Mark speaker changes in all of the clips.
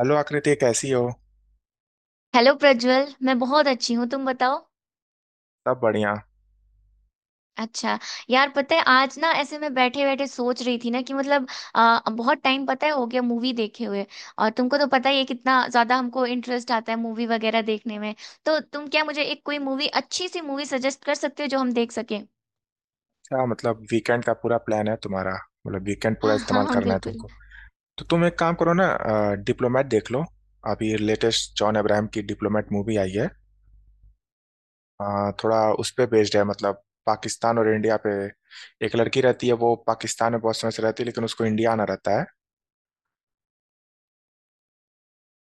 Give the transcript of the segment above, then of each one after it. Speaker 1: Hello Aakriti, कैसी हो?
Speaker 2: Hello Prajwal, मैं बहुत अच्छी हूँ, तुम बताओ।
Speaker 1: सब बढ़िया।
Speaker 2: अच्छा। यार पता है आज ना ऐसे मैं बैठे बैठे सोच रही थी ना कि मतलब बहुत टाइम पता है हो गया मूवी देखे हुए। और तुमको तो पता ही है कितना ज्यादा हमको इंटरेस्ट आता है मूवी वगैरह देखने में। तो तुम क्या मुझे एक कोई मूवी अच्छी सी मूवी सजेस्ट कर सकते हो जो हम देख सकें?
Speaker 1: क्या मतलब, वीकेंड का पूरा प्लान है तुम्हारा? मतलब वीकेंड पूरा
Speaker 2: हाँ हाँ
Speaker 1: इस्तेमाल
Speaker 2: हाँ,
Speaker 1: करना है
Speaker 2: बिल्कुल।
Speaker 1: तुमको? तो तुम एक काम करो ना, डिप्लोमेट देख लो। अभी लेटेस्ट जॉन अब्राहम की डिप्लोमेट मूवी आई है। थोड़ा उस पे बेस्ड है, मतलब पाकिस्तान और इंडिया पे। एक लड़की रहती है, वो पाकिस्तान में बहुत समय से रहती है, लेकिन उसको इंडिया आना रहता है।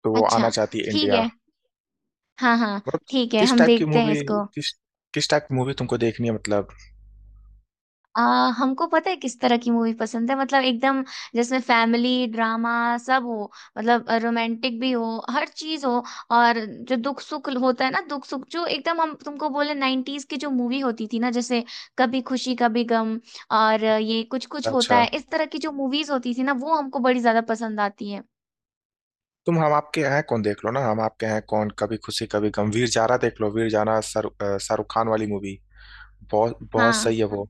Speaker 1: तो वो
Speaker 2: अच्छा,
Speaker 1: आना चाहती है
Speaker 2: ठीक
Speaker 1: इंडिया।
Speaker 2: है। हाँ हाँ।
Speaker 1: मतलब
Speaker 2: ठीक है,
Speaker 1: किस
Speaker 2: हम
Speaker 1: टाइप की
Speaker 2: देखते हैं
Speaker 1: मूवी,
Speaker 2: इसको।
Speaker 1: किस किस टाइप की मूवी तुमको देखनी है, मतलब?
Speaker 2: आ, हमको पता है किस तरह की मूवी पसंद है, मतलब एकदम जिसमें फैमिली ड्रामा सब हो, मतलब रोमांटिक भी हो, हर चीज हो। और जो दुख सुख होता है ना, दुख सुख, जो एकदम हम तुमको बोले नाइन्टीज की जो मूवी होती थी ना, जैसे कभी खुशी कभी गम और ये कुछ कुछ होता
Speaker 1: अच्छा,
Speaker 2: है, इस तरह की जो मूवीज होती थी ना वो हमको बड़ी ज्यादा पसंद आती
Speaker 1: तुम हम आपके हैं कौन देख लो ना, हम आपके हैं कौन, कभी खुशी कभी गम, वीर जारा देख लो, वीर जारा। शाहरुख खान वाली मूवी। बहुत
Speaker 2: है।
Speaker 1: बहुत सही है वो।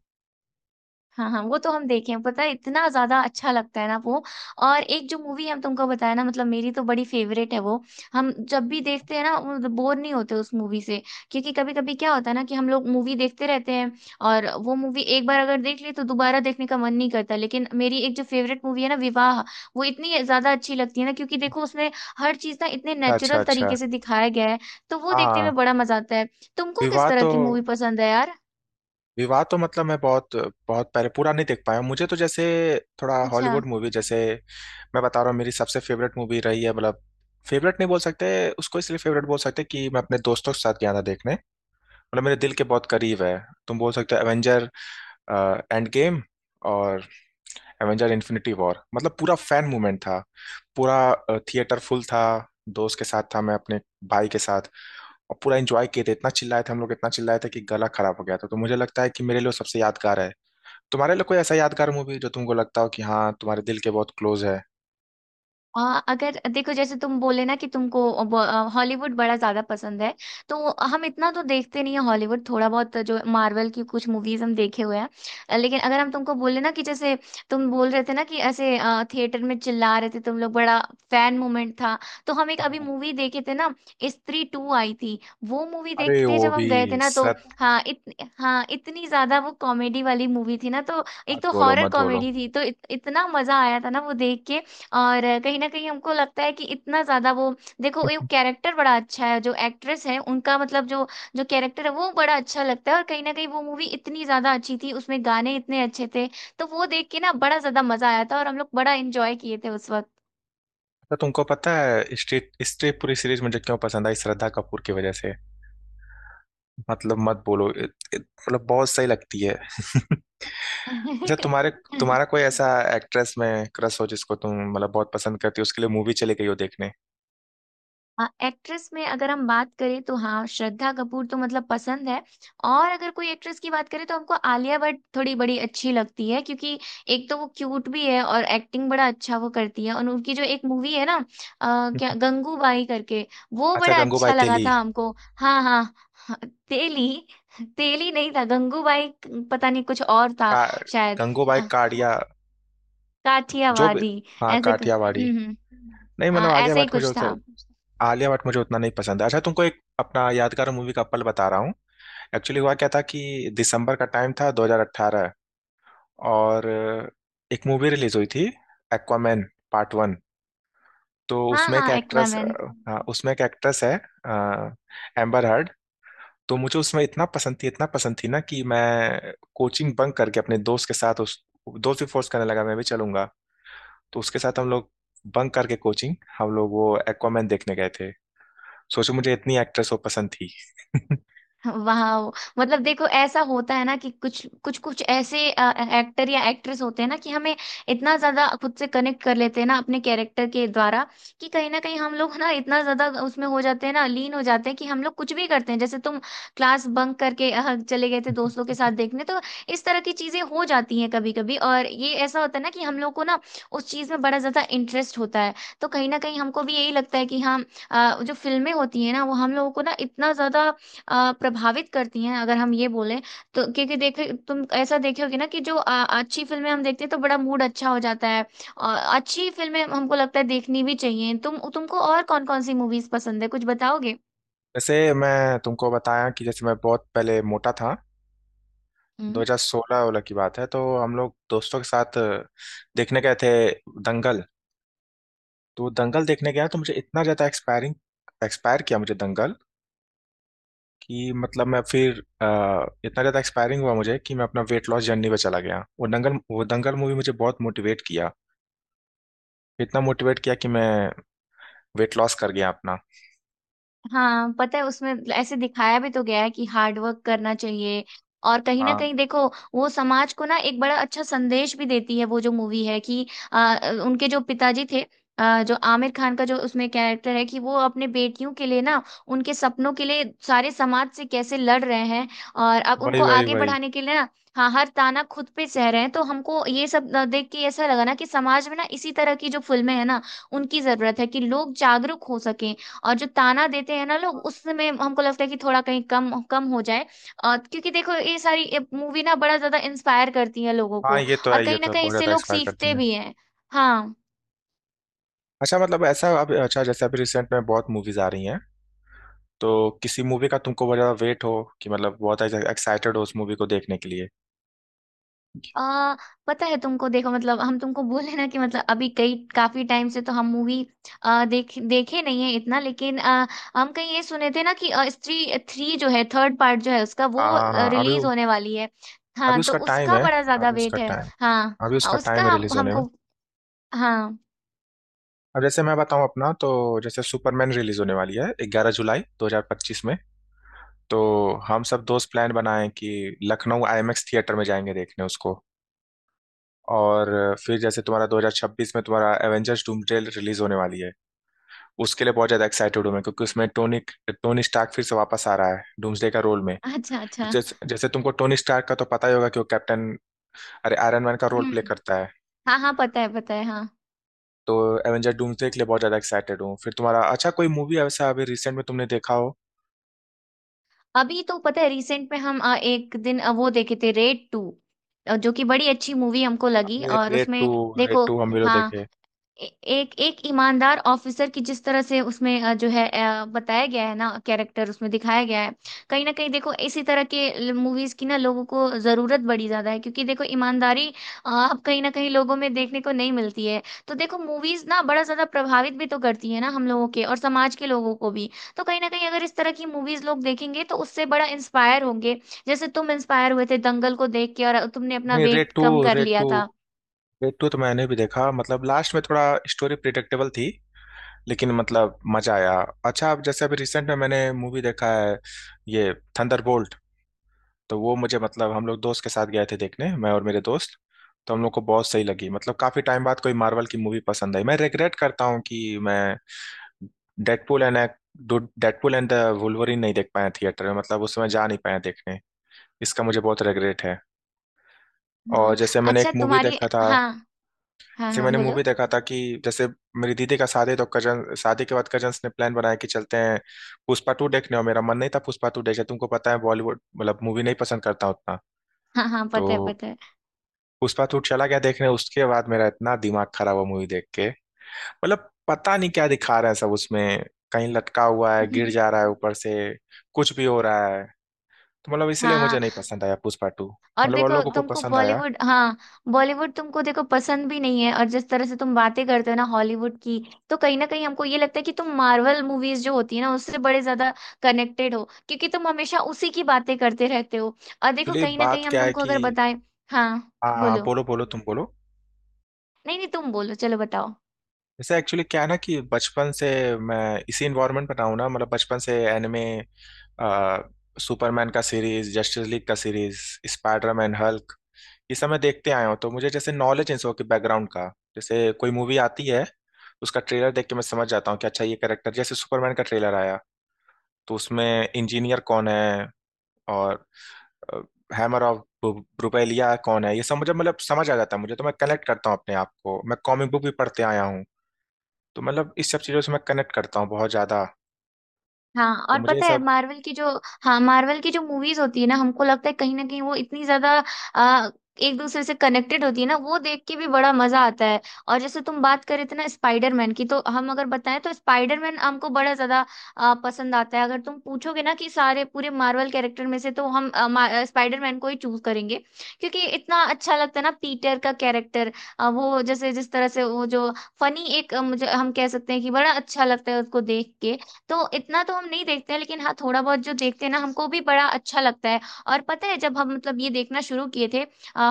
Speaker 2: हाँ हाँ, वो तो हम देखे हैं, पता है इतना ज्यादा अच्छा लगता है ना वो। और एक जो मूवी हम तुमको बताया ना, मतलब मेरी तो बड़ी फेवरेट है वो, हम जब भी देखते हैं ना बोर नहीं होते उस मूवी से। क्योंकि कभी कभी क्या होता है ना कि हम लोग मूवी देखते रहते हैं और वो मूवी एक बार अगर देख ली तो दोबारा देखने का मन नहीं करता, लेकिन मेरी एक जो फेवरेट मूवी है ना, विवाह, वो इतनी ज्यादा अच्छी लगती है ना, क्योंकि देखो उसमें हर चीज ना इतने
Speaker 1: अच्छा,
Speaker 2: नेचुरल
Speaker 1: अच्छा,
Speaker 2: तरीके से दिखाया गया है। तो वो देखने
Speaker 1: हाँ।
Speaker 2: में बड़ा मजा आता है। तुमको किस
Speaker 1: विवाह
Speaker 2: तरह
Speaker 1: तो
Speaker 2: की मूवी पसंद है यार?
Speaker 1: विवाह तो मतलब मैं बहुत बहुत पहले पूरा नहीं देख पाया हूँ। मुझे तो जैसे थोड़ा
Speaker 2: अच्छा।
Speaker 1: हॉलीवुड मूवी जैसे, मैं बता रहा हूँ, मेरी सबसे फेवरेट मूवी रही है। मतलब फेवरेट नहीं बोल सकते उसको, इसलिए फेवरेट बोल सकते कि मैं अपने दोस्तों के साथ गया था देखने, मतलब मेरे दिल के बहुत करीब है। तुम बोल सकते हो एवेंजर एंड गेम और एवेंजर इन्फिनिटी वॉर। मतलब पूरा फैन मूवमेंट था, पूरा थिएटर फुल था। दोस्त के साथ था मैं, अपने भाई के साथ। और पूरा एंजॉय किए थे, इतना चिल्लाए थे हम लोग, इतना चिल्लाए थे कि गला खराब हो गया था। तो मुझे लगता है कि मेरे लिए वो सबसे यादगार है। तुम्हारे लिए कोई ऐसा यादगार मूवी जो तुमको लगता हो कि हाँ, तुम्हारे दिल के बहुत क्लोज है?
Speaker 2: हाँ अगर देखो, जैसे तुम बोले ना कि तुमको हॉलीवुड बड़ा ज्यादा पसंद है, तो हम इतना तो देखते नहीं है हॉलीवुड, थोड़ा बहुत जो मार्वल की कुछ मूवीज हम देखे हुए हैं। लेकिन अगर हम तुमको बोले ना, कि जैसे तुम बोल रहे थे ना कि ऐसे थिएटर में चिल्ला रहे थे तुम लोग, बड़ा फैन मोमेंट था, तो हम एक अभी
Speaker 1: हाँ।
Speaker 2: मूवी देखे थे ना, स्त्री टू आई थी, वो मूवी
Speaker 1: अरे,
Speaker 2: देखते
Speaker 1: वो
Speaker 2: जब
Speaker 1: भी
Speaker 2: हम गए थे ना तो।
Speaker 1: सत
Speaker 2: हाँ हाँ इतनी ज्यादा वो कॉमेडी वाली मूवी थी ना, तो एक
Speaker 1: मत
Speaker 2: तो
Speaker 1: बोलो,
Speaker 2: हॉरर
Speaker 1: मत बोलो।
Speaker 2: कॉमेडी थी तो इतना मजा आया था ना वो देख के। और कहीं ना कहीं हमको लगता है कि इतना ज्यादा वो, देखो ये कैरेक्टर बड़ा अच्छा है, जो एक्ट्रेस है उनका मतलब जो, जो कैरेक्टर है वो बड़ा अच्छा लगता है। और कहीं ना कहीं वो मूवी इतनी ज्यादा अच्छी थी, उसमें गाने इतने अच्छे थे, तो वो देख के ना बड़ा ज्यादा मजा आया था और हम लोग बड़ा एंजॉय किए थे उस
Speaker 1: तो तुमको पता है, स्ट्रीट स्ट्रीट पूरी सीरीज मुझे क्यों पसंद आई? श्रद्धा कपूर की वजह से। मतलब मत बोलो, मतलब बहुत सही लगती है। अच्छा तुम्हारे
Speaker 2: वक्त।
Speaker 1: तुम्हारा कोई ऐसा एक्ट्रेस में क्रश हो जिसको तुम मतलब बहुत पसंद करती हो, उसके लिए मूवी चली गई हो देखने?
Speaker 2: हाँ, एक्ट्रेस में अगर हम बात करें तो हाँ श्रद्धा कपूर तो मतलब पसंद है। और अगर कोई एक्ट्रेस की बात करें तो हमको आलिया भट्ट थोड़ी बड़ी अच्छी लगती है, क्योंकि एक तो वो क्यूट भी है और एक्टिंग बड़ा अच्छा वो करती है, और उनकी जो एक मूवी है ना क्या गंगूबाई करके, वो
Speaker 1: अच्छा,
Speaker 2: बड़ा अच्छा
Speaker 1: गंगूबाई
Speaker 2: लगा
Speaker 1: तेली।
Speaker 2: था हमको। हाँ हाँ। हाँ, तेली। तेली नहीं था गंगूबाई, पता नहीं कुछ और था
Speaker 1: का,
Speaker 2: शायद।
Speaker 1: गंगूबाई
Speaker 2: अ,
Speaker 1: काड़िया। जो भी,
Speaker 2: काठियावाड़ी।
Speaker 1: हाँ काठियावाड़ी।
Speaker 2: हम्म।
Speaker 1: नहीं
Speaker 2: हाँ
Speaker 1: मतलब,
Speaker 2: ऐसे ही कुछ था।
Speaker 1: आलिया भट्ट मुझे उतना नहीं पसंद है। अच्छा, तुमको एक अपना यादगार मूवी का पल बता रहा हूँ। एक्चुअली हुआ क्या था कि दिसंबर का टाइम था, 2018, और एक मूवी रिलीज हुई थी, एक्वामैन पार्ट 1। तो
Speaker 2: हाँ
Speaker 1: उसमें एक
Speaker 2: हाँ
Speaker 1: एक्ट्रेस,
Speaker 2: एक्वामैन।
Speaker 1: हाँ उसमें एक एक्ट्रेस है, एम्बर हर्ड। तो मुझे उसमें इतना पसंद थी ना कि मैं कोचिंग बंक करके अपने दोस्त के साथ, उस दोस्त भी फोर्स करने लगा मैं भी चलूंगा, तो उसके साथ हम लोग बंक करके कोचिंग, हम लोग वो एक्वामैन देखने गए थे। सोचो मुझे इतनी एक्ट्रेस वो पसंद थी।
Speaker 2: वाह। मतलब देखो ऐसा होता है ना कि कुछ कुछ कुछ ऐसे एक्टर या एक्ट्रेस होते हैं ना कि हमें इतना ज्यादा खुद से कनेक्ट कर लेते हैं ना अपने कैरेक्टर के द्वारा, कि कहीं ना कहीं हम लोग ना इतना ज्यादा उसमें हो जाते हैं ना, लीन हो जाते हैं कि हम लोग कुछ भी करते हैं, जैसे तुम क्लास बंक करके चले गए थे दोस्तों के साथ देखने। तो इस तरह की चीजें हो जाती हैं कभी कभी, और ये ऐसा होता है ना कि हम लोग को ना उस चीज में बड़ा ज्यादा इंटरेस्ट होता है। तो कहीं ना कहीं हमको भी यही लगता है कि हाँ, जो फिल्में होती है ना वो हम लोगों को ना इतना ज्यादा प्रभावित करती हैं, अगर हम ये बोलें तो, क्योंकि देखे तुम ऐसा देखे होगे ना कि जो अच्छी फिल्में हम देखते हैं तो बड़ा मूड अच्छा हो जाता है, और अच्छी फिल्में हमको लगता है देखनी भी चाहिए। तुमको और कौन कौन सी मूवीज पसंद है, कुछ बताओगे?
Speaker 1: वैसे मैं तुमको बताया कि जैसे मैं बहुत पहले मोटा था,
Speaker 2: हम्म।
Speaker 1: 2016 वाला की बात है, तो हम लोग दोस्तों के साथ देखने गए थे दंगल। तो दंगल देखने गया तो मुझे इतना ज़्यादा एक्सपायरिंग, एक्सपायर किया मुझे दंगल, कि मतलब मैं फिर इतना ज़्यादा एक्सपायरिंग हुआ मुझे कि मैं अपना वेट लॉस जर्नी पे चला गया। वो दंगल मूवी मुझे बहुत मोटिवेट किया, इतना मोटिवेट किया कि मैं वेट लॉस कर गया अपना।
Speaker 2: हाँ पता है, उसमें ऐसे दिखाया भी तो गया है कि हार्ड वर्क करना चाहिए, और कहीं ना
Speaker 1: हाँ,
Speaker 2: कहीं देखो वो समाज को ना एक बड़ा अच्छा संदेश भी देती है वो जो मूवी है कि आ, उनके जो पिताजी थे, जो आमिर खान का जो उसमें कैरेक्टर है कि वो अपने बेटियों के लिए ना उनके सपनों के लिए सारे समाज से कैसे लड़ रहे हैं, और अब
Speaker 1: वही
Speaker 2: उनको
Speaker 1: वही
Speaker 2: आगे
Speaker 1: वही।
Speaker 2: बढ़ाने के लिए ना, हाँ, हर ताना खुद पे सह रहे हैं। तो हमको ये सब देख के ऐसा लगा ना कि समाज में ना इसी तरह की जो फिल्में हैं ना, उनकी जरूरत है कि लोग जागरूक हो सके। और जो ताना देते हैं ना लोग उसमें, हमको लगता है कि थोड़ा कहीं कम कम हो जाए, क्योंकि देखो ये सारी मूवी ना बड़ा ज्यादा इंस्पायर करती है लोगों
Speaker 1: हाँ,
Speaker 2: को,
Speaker 1: ये तो है,
Speaker 2: और
Speaker 1: ये
Speaker 2: कहीं ना
Speaker 1: तो है,
Speaker 2: कहीं
Speaker 1: बहुत
Speaker 2: इससे
Speaker 1: ज़्यादा
Speaker 2: लोग
Speaker 1: एक्सपायर करती
Speaker 2: सीखते
Speaker 1: हैं।
Speaker 2: भी हैं। हाँ।
Speaker 1: अच्छा मतलब ऐसा, अब अच्छा, जैसे अभी रिसेंट में बहुत मूवीज आ रही हैं, तो किसी मूवी का तुमको बहुत ज़्यादा वेट हो, कि मतलब बहुत एक्साइटेड हो उस मूवी को देखने के लिए?
Speaker 2: आ, पता है तुमको, देखो मतलब हम तुमको बोले ना कि मतलब अभी कई काफी टाइम से तो हम मूवी देखे नहीं है इतना, लेकिन हम कहीं ये सुने थे ना कि स्त्री थ्री जो है, थर्ड पार्ट जो है उसका,
Speaker 1: हाँ
Speaker 2: वो
Speaker 1: हाँ हाँ, अभी।
Speaker 2: रिलीज होने वाली है।
Speaker 1: अभी
Speaker 2: हाँ, तो
Speaker 1: उसका टाइम
Speaker 2: उसका
Speaker 1: है,
Speaker 2: बड़ा ज्यादा
Speaker 1: अभी उसका
Speaker 2: वेट है।
Speaker 1: टाइम,
Speaker 2: हाँ
Speaker 1: अभी उसका टाइम
Speaker 2: उसका
Speaker 1: है रिलीज होने में।
Speaker 2: हमको, हाँ।
Speaker 1: अब जैसे मैं बताऊं अपना, तो जैसे सुपरमैन रिलीज होने वाली है 11 जुलाई 2025 में, तो हम सब दोस्त प्लान बनाएं कि लखनऊ आईएमएक्स थिएटर में जाएंगे देखने उसको। और फिर जैसे तुम्हारा 2026 में तुम्हारा एवेंजर्स डूमसडे रिलीज होने वाली है, उसके लिए बहुत ज्यादा एक्साइटेड हूँ मैं, क्योंकि उसमें टोनी टोनी स्टार्क फिर से वापस आ रहा है डूम्सडे का रोल में।
Speaker 2: अच्छा अच्छा।
Speaker 1: जैसे तुमको टोनी स्टार्क का तो पता ही होगा कि वो कैप्टन, अरे आयरन मैन का रोल प्ले
Speaker 2: हम्म।
Speaker 1: करता है।
Speaker 2: हाँ हाँ पता है हाँ।
Speaker 1: तो एवेंजर डूम्सडे के लिए बहुत ज़्यादा एक्साइटेड हूँ। फिर तुम्हारा, अच्छा कोई मूवी ऐसा अभी रिसेंट में तुमने देखा हो?
Speaker 2: अभी तो पता है रिसेंट में हम एक दिन वो देखे थे, रेड टू, जो कि बड़ी अच्छी मूवी हमको लगी, और
Speaker 1: रेड टू,
Speaker 2: उसमें
Speaker 1: रेड
Speaker 2: देखो,
Speaker 1: टू हम भी लोग
Speaker 2: हाँ
Speaker 1: देखे।
Speaker 2: ए- एक एक ईमानदार ऑफिसर की जिस तरह से उसमें, जो है, बताया गया है ना कैरेक्टर उसमें दिखाया गया है। कहीं ना कहीं देखो इसी तरह के मूवीज की ना लोगों को जरूरत बड़ी ज्यादा है, क्योंकि देखो ईमानदारी अब कहीं ना कहीं लोगों में देखने को नहीं मिलती है। तो देखो मूवीज ना बड़ा ज्यादा प्रभावित भी तो करती है ना हम लोगों के और समाज के लोगों को भी, तो कहीं ना कहीं अगर इस तरह की मूवीज लोग देखेंगे तो उससे बड़ा इंस्पायर होंगे, जैसे तुम इंस्पायर हुए थे दंगल को देख के और तुमने अपना
Speaker 1: नहीं, रेड
Speaker 2: वेट
Speaker 1: टू,
Speaker 2: कम कर
Speaker 1: रेड
Speaker 2: लिया
Speaker 1: टू,
Speaker 2: था।
Speaker 1: रेड टू तो मैंने भी देखा, मतलब लास्ट में थोड़ा स्टोरी प्रिडिक्टेबल थी, लेकिन मतलब मजा आया। अच्छा, अब जैसे अभी रिसेंट में मैंने मूवी देखा है, ये थंडरबोल्ट। तो वो मुझे मतलब, हम लोग दोस्त के साथ गए थे देखने, मैं और मेरे दोस्त। तो हम लोग को बहुत सही लगी, मतलब काफी टाइम बाद कोई मार्वल की मूवी पसंद आई। मैं रिग्रेट करता हूँ कि मैं Deadpool and Deadpool and the Wolverine नहीं देख पाए थिएटर में, मतलब उस समय जा नहीं पाए देखने। इसका मुझे बहुत रिग्रेट है। और
Speaker 2: हाँ।
Speaker 1: जैसे मैंने एक
Speaker 2: अच्छा
Speaker 1: मूवी
Speaker 2: तुम्हारी,
Speaker 1: देखा था,
Speaker 2: हाँ। हाँ
Speaker 1: जैसे
Speaker 2: हाँ
Speaker 1: मैंने मूवी
Speaker 2: बोलो।
Speaker 1: देखा था कि, जैसे मेरी दीदी का शादी, तो कजन, शादी के बाद कजन्स ने प्लान बनाया कि चलते हैं पुष्पा टू देखने, और मेरा मन नहीं था पुष्पा टू देखे, तुमको पता है बॉलीवुड, मतलब मूवी नहीं पसंद करता उतना।
Speaker 2: हाँ हाँ
Speaker 1: तो
Speaker 2: पता है पता है।
Speaker 1: पुष्पा टू चला गया देखने, उसके बाद मेरा इतना दिमाग खराब हुआ मूवी देख के, मतलब पता नहीं क्या दिखा रहा है सब उसमें। कहीं लटका हुआ है, गिर जा रहा है ऊपर से, कुछ भी हो रहा है। तो मतलब इसलिए मुझे
Speaker 2: हाँ।
Speaker 1: नहीं पसंद आया पुष्पा टू।
Speaker 2: और
Speaker 1: मतलब और
Speaker 2: देखो
Speaker 1: लोगों को
Speaker 2: तुमको
Speaker 1: पसंद आया।
Speaker 2: बॉलीवुड, हाँ, बॉलीवुड तुमको देखो पसंद भी नहीं है, और जिस तरह से तुम बातें करते हो ना हॉलीवुड की, तो कहीं ना कहीं हमको ये लगता है कि तुम मार्वल मूवीज जो होती है ना उससे बड़े ज्यादा कनेक्टेड हो, क्योंकि तुम हमेशा उसी की बातें करते रहते हो। और देखो
Speaker 1: एक्चुअली
Speaker 2: कहीं ना
Speaker 1: बात
Speaker 2: कहीं हम
Speaker 1: क्या है
Speaker 2: तुमको
Speaker 1: कि,
Speaker 2: अगर बताएं। हाँ
Speaker 1: हाँ हाँ,
Speaker 2: बोलो।
Speaker 1: बोलो, बोलो तुम बोलो।
Speaker 2: नहीं नहीं, तुम बोलो, चलो बताओ।
Speaker 1: जैसे एक्चुअली क्या है ना कि, बचपन से मैं इसी इन्वायरमेंट में रहा हूँ ना, मतलब बचपन से एनिमे, सुपरमैन का सीरीज, जस्टिस लीग का सीरीज, स्पाइडरमैन, हल्क, ये सब मैं देखते आया हूँ। तो मुझे जैसे नॉलेज इन सब के बैकग्राउंड का, जैसे कोई मूवी आती है उसका ट्रेलर देख के मैं समझ जाता हूँ कि अच्छा ये कैरेक्टर, जैसे सुपरमैन का ट्रेलर आया, तो उसमें इंजीनियर कौन है, और हैमर ऑफ ब्रुपेलिया कौन है, ये सब मुझे मतलब समझ आ जाता है। मुझे तो मैं कनेक्ट करता हूँ अपने आप को, मैं कॉमिक बुक भी पढ़ते आया हूँ, तो मतलब इस सब चीज़ों से मैं कनेक्ट करता हूँ बहुत ज़्यादा,
Speaker 2: हाँ
Speaker 1: तो
Speaker 2: और
Speaker 1: मुझे ये
Speaker 2: पता है
Speaker 1: सब,
Speaker 2: मार्वल की जो, हाँ मार्वल की जो मूवीज होती है ना हमको लगता है कहीं ना कहीं वो इतनी ज्यादा आ, एक दूसरे से कनेक्टेड होती है ना, वो देख के भी बड़ा मजा आता है। और जैसे तुम बात करे थे ना स्पाइडरमैन की, तो हम अगर बताएं तो स्पाइडरमैन हमको बड़ा ज्यादा पसंद आता है। अगर तुम पूछोगे ना कि सारे पूरे मार्वल कैरेक्टर में से, तो हम स्पाइडरमैन को ही चूज करेंगे, क्योंकि इतना अच्छा लगता है ना पीटर का कैरेक्टर। वो जैसे जिस तरह से वो जो फनी एक मुझे हम कह सकते हैं कि बड़ा अच्छा लगता है उसको देख के। तो इतना तो हम नहीं देखते हैं, लेकिन हाँ थोड़ा बहुत जो देखते हैं ना, हमको भी बड़ा अच्छा लगता है। और पता है जब हम मतलब ये देखना शुरू किए थे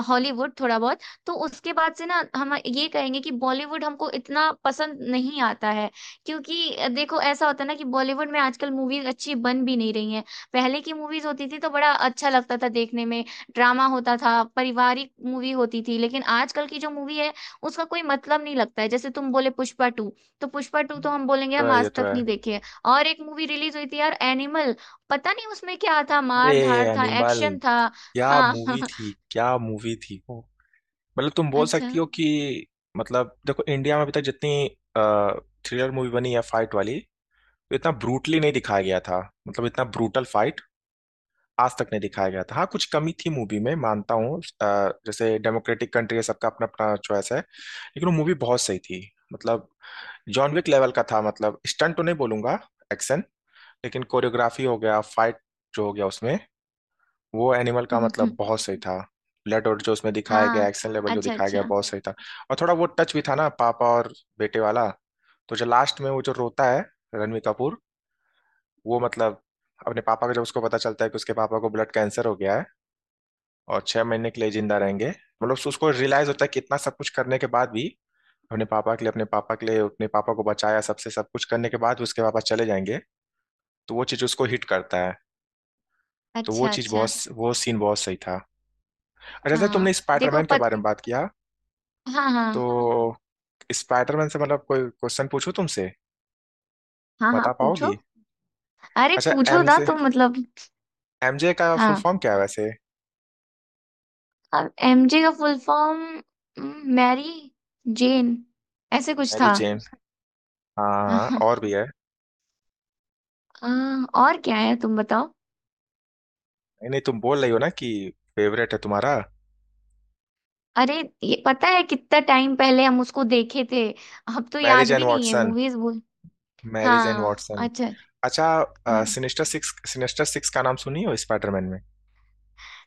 Speaker 2: हॉलीवुड थोड़ा बहुत, तो उसके बाद से ना हम ये कहेंगे कि बॉलीवुड हमको इतना पसंद नहीं आता है, क्योंकि देखो ऐसा होता है ना कि बॉलीवुड में आजकल मूवीज अच्छी बन भी नहीं रही हैं। पहले की मूवीज होती थी तो बड़ा अच्छा लगता था देखने में, ड्रामा होता था, पारिवारिक मूवी होती थी, लेकिन आजकल की जो मूवी है उसका कोई मतलब नहीं लगता है। जैसे तुम बोले पुष्पा टू, तो पुष्पा टू तो हम बोलेंगे
Speaker 1: तो
Speaker 2: हम
Speaker 1: है, ये
Speaker 2: आज
Speaker 1: तो
Speaker 2: तक
Speaker 1: है।
Speaker 2: नहीं देखे। और एक मूवी रिलीज हुई थी यार एनिमल, पता नहीं उसमें क्या था,
Speaker 1: अरे
Speaker 2: मार धाड़ था,
Speaker 1: अनिमल,
Speaker 2: एक्शन था।
Speaker 1: क्या
Speaker 2: हाँ।
Speaker 1: मूवी थी, क्या मूवी थी वो! मतलब तुम बोल
Speaker 2: अच्छा।
Speaker 1: सकती हो कि, मतलब देखो, इंडिया में अभी तक जितनी थ्रिलर मूवी बनी है फाइट वाली, तो इतना ब्रूटली नहीं दिखाया गया था, मतलब इतना ब्रूटल फाइट आज तक नहीं दिखाया गया था। हाँ, कुछ कमी थी मूवी में, मानता हूँ, जैसे डेमोक्रेटिक कंट्री है, सबका अपना अपना चॉइस है, लेकिन वो मूवी बहुत सही थी। मतलब जॉन विक लेवल का था, मतलब स्टंट तो नहीं बोलूंगा, एक्शन, लेकिन कोरियोग्राफी हो गया, फाइट जो हो गया उसमें, वो एनिमल का मतलब
Speaker 2: हम्म।
Speaker 1: बहुत सही था। ब्लड और जो उसमें दिखाया गया
Speaker 2: हाँ।
Speaker 1: एक्शन लेवल जो
Speaker 2: अच्छा
Speaker 1: दिखाया गया,
Speaker 2: अच्छा।
Speaker 1: बहुत सही था। और थोड़ा वो टच भी था ना, पापा और बेटे वाला। तो जो लास्ट में वो जो रोता है, रणवीर कपूर, वो मतलब, अपने पापा को जब उसको पता चलता है कि उसके पापा को ब्लड कैंसर हो गया है, और 6 महीने के लिए जिंदा रहेंगे, मतलब उसको रियलाइज होता है कि इतना सब कुछ करने के बाद भी, अपने पापा को बचाया, सबसे सब कुछ करने के बाद उसके पापा चले जाएंगे, तो वो चीज उसको हिट करता है। तो वो
Speaker 2: अच्छा
Speaker 1: चीज
Speaker 2: अच्छा।
Speaker 1: बहुत, वो सीन बहुत सही था। अच्छा, जैसे
Speaker 2: हाँ
Speaker 1: तुमने
Speaker 2: देखो,
Speaker 1: स्पाइडरमैन के
Speaker 2: पत
Speaker 1: बारे में बात किया,
Speaker 2: हाँ हाँ
Speaker 1: तो स्पाइडरमैन से मतलब कोई क्वेश्चन पूछूं तुमसे,
Speaker 2: हाँ। हाँ
Speaker 1: बता
Speaker 2: पूछो।
Speaker 1: पाओगी?
Speaker 2: अरे
Speaker 1: अच्छा
Speaker 2: पूछो ना
Speaker 1: एमजे,
Speaker 2: तुम, मतलब।
Speaker 1: एमजे का फुल
Speaker 2: हाँ।
Speaker 1: फॉर्म क्या है वैसे?
Speaker 2: अब एमजे का फुल फॉर्म, मैरी जेन, ऐसे कुछ
Speaker 1: मैरी
Speaker 2: था।
Speaker 1: जेन, हाँ हाँ, हाँ,
Speaker 2: हाँ,
Speaker 1: और भी है।
Speaker 2: हाँ, और क्या है तुम बताओ?
Speaker 1: नहीं नहीं, तुम बोल रही हो ना कि फेवरेट है तुम्हारा।
Speaker 2: अरे, ये पता है कितना टाइम पहले हम उसको देखे थे, अब तो
Speaker 1: मैरिज
Speaker 2: याद
Speaker 1: एंड
Speaker 2: भी नहीं है
Speaker 1: वाटसन,
Speaker 2: मूवीज।
Speaker 1: मैरिज एंड
Speaker 2: हाँ
Speaker 1: वाटसन।
Speaker 2: अच्छा।
Speaker 1: अच्छा,
Speaker 2: हम्म।
Speaker 1: सिनेस्टर सिक्स का नाम सुनी हो स्पाइडरमैन में?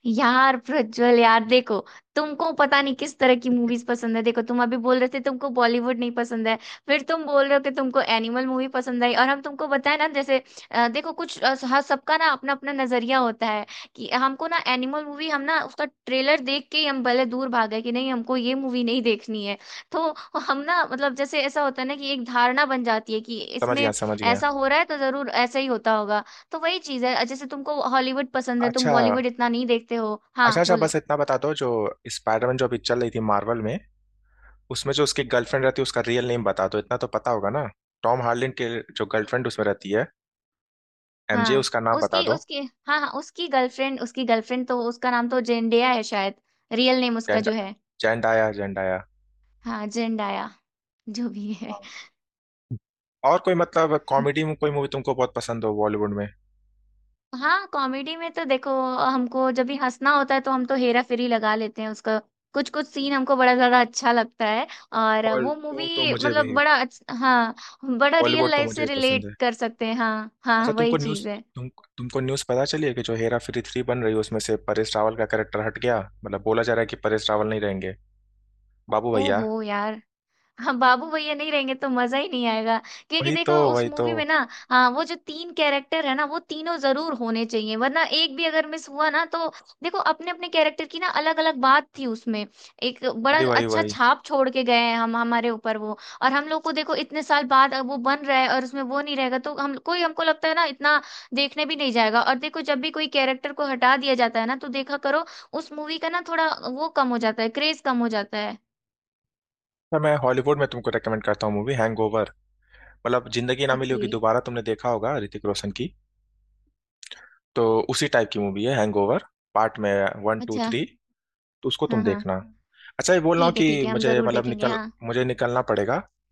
Speaker 2: यार प्रज्वल, यार देखो, तुमको पता नहीं किस तरह की मूवीज पसंद है, देखो तुम अभी बोल रहे थे तुमको बॉलीवुड नहीं पसंद है, फिर तुम बोल रहे हो कि तुमको एनिमल मूवी पसंद आई, और हम तुमको बताए ना जैसे देखो, कुछ हर सबका ना अपना अपना नजरिया होता है, कि हमको ना एनिमल मूवी हम ना उसका ट्रेलर देख के ही हम भले दूर भाग गए कि नहीं हमको ये मूवी नहीं देखनी है। तो हम ना मतलब जैसे ऐसा होता है ना कि एक धारणा बन जाती है कि
Speaker 1: समझ गया,
Speaker 2: इसमें
Speaker 1: समझ गया।
Speaker 2: ऐसा हो रहा है, तो जरूर ऐसा ही होता होगा। तो वही चीज है, जैसे तुमको हॉलीवुड पसंद है तुम
Speaker 1: अच्छा,
Speaker 2: बॉलीवुड इतना नहीं देखते हो। हाँ
Speaker 1: अच्छा, अच्छा,
Speaker 2: बोलो।
Speaker 1: बस इतना बता दो, जो स्पाइडरमैन जो अभी चल रही थी मार्वल में, उसमें जो उसकी गर्लफ्रेंड रहती है, उसका रियल नेम बता दो, इतना तो पता होगा ना? टॉम हार्लिन के जो गर्लफ्रेंड उसमें रहती है, एमजे,
Speaker 2: हाँ,
Speaker 1: उसका नाम बता
Speaker 2: उसकी
Speaker 1: दो।
Speaker 2: उसकी हाँ हाँ उसकी गर्लफ्रेंड तो उसका नाम तो जेंडिया है शायद, रियल नेम उसका
Speaker 1: जेंड
Speaker 2: जो है।
Speaker 1: Zendaya, Zendaya.
Speaker 2: हाँ जेंडाया, जो भी है।
Speaker 1: और कोई मतलब कॉमेडी में कोई मूवी तुमको बहुत पसंद हो बॉलीवुड में?
Speaker 2: हाँ, कॉमेडी में तो देखो, हमको जब भी हंसना होता है तो हम तो हेरा फेरी लगा लेते हैं। उसका कुछ कुछ सीन हमको बड़ा ज्यादा अच्छा लगता है, और
Speaker 1: और
Speaker 2: वो
Speaker 1: तो,
Speaker 2: मूवी
Speaker 1: मुझे भी,
Speaker 2: मतलब हाँ, बड़ा रियल
Speaker 1: बॉलीवुड तो
Speaker 2: लाइफ
Speaker 1: मुझे
Speaker 2: से
Speaker 1: भी पसंद
Speaker 2: रिलेट
Speaker 1: है।
Speaker 2: कर सकते हैं, हाँ
Speaker 1: अच्छा
Speaker 2: हाँ वही
Speaker 1: तुमको न्यूज़,
Speaker 2: चीज है।
Speaker 1: तुम तुमको न्यूज़ पता चली है कि जो हेरा फेरी थ्री बन रही है, उसमें से परेश रावल का कैरेक्टर हट गया, मतलब बोला जा रहा है कि परेश रावल नहीं रहेंगे बाबू भैया?
Speaker 2: ओहो यार, हाँ बाबू भैया नहीं रहेंगे तो मजा ही नहीं आएगा, क्योंकि
Speaker 1: वही तो,
Speaker 2: देखो उस
Speaker 1: वही तो,
Speaker 2: मूवी में ना, हाँ वो जो तीन कैरेक्टर है ना, वो तीनों जरूर होने चाहिए, वरना एक भी अगर मिस हुआ ना तो देखो, अपने अपने कैरेक्टर की ना अलग अलग बात थी उसमें। एक बड़ा
Speaker 1: वही वही
Speaker 2: अच्छा
Speaker 1: वही।
Speaker 2: छाप छोड़ के गए हैं हम हमारे ऊपर वो, और हम लोग को देखो इतने साल बाद अब वो बन रहा है और उसमें वो नहीं रहेगा तो हम कोई हमको लगता है ना इतना देखने भी नहीं जाएगा। और देखो जब भी कोई कैरेक्टर को हटा दिया जाता है ना तो देखा करो, उस मूवी का ना थोड़ा वो कम हो जाता है, क्रेज कम हो जाता है।
Speaker 1: अच्छा, मैं हॉलीवुड में तुमको रेकमेंड करता हूँ मूवी हैंगओवर। मतलब जिंदगी ना मिली
Speaker 2: ओके।
Speaker 1: होगी दोबारा तुमने देखा होगा ऋतिक रोशन की, तो उसी टाइप की मूवी है हैंगओवर, पार्ट में वन टू
Speaker 2: अच्छा
Speaker 1: थ्री तो उसको
Speaker 2: हाँ
Speaker 1: तुम
Speaker 2: हाँ,
Speaker 1: देखना। अच्छा ये बोल रहा हूँ
Speaker 2: ठीक
Speaker 1: कि
Speaker 2: है हम
Speaker 1: मुझे
Speaker 2: जरूर
Speaker 1: मतलब
Speaker 2: देखेंगे
Speaker 1: निकल
Speaker 2: हाँ।
Speaker 1: मुझे निकलना पड़ेगा।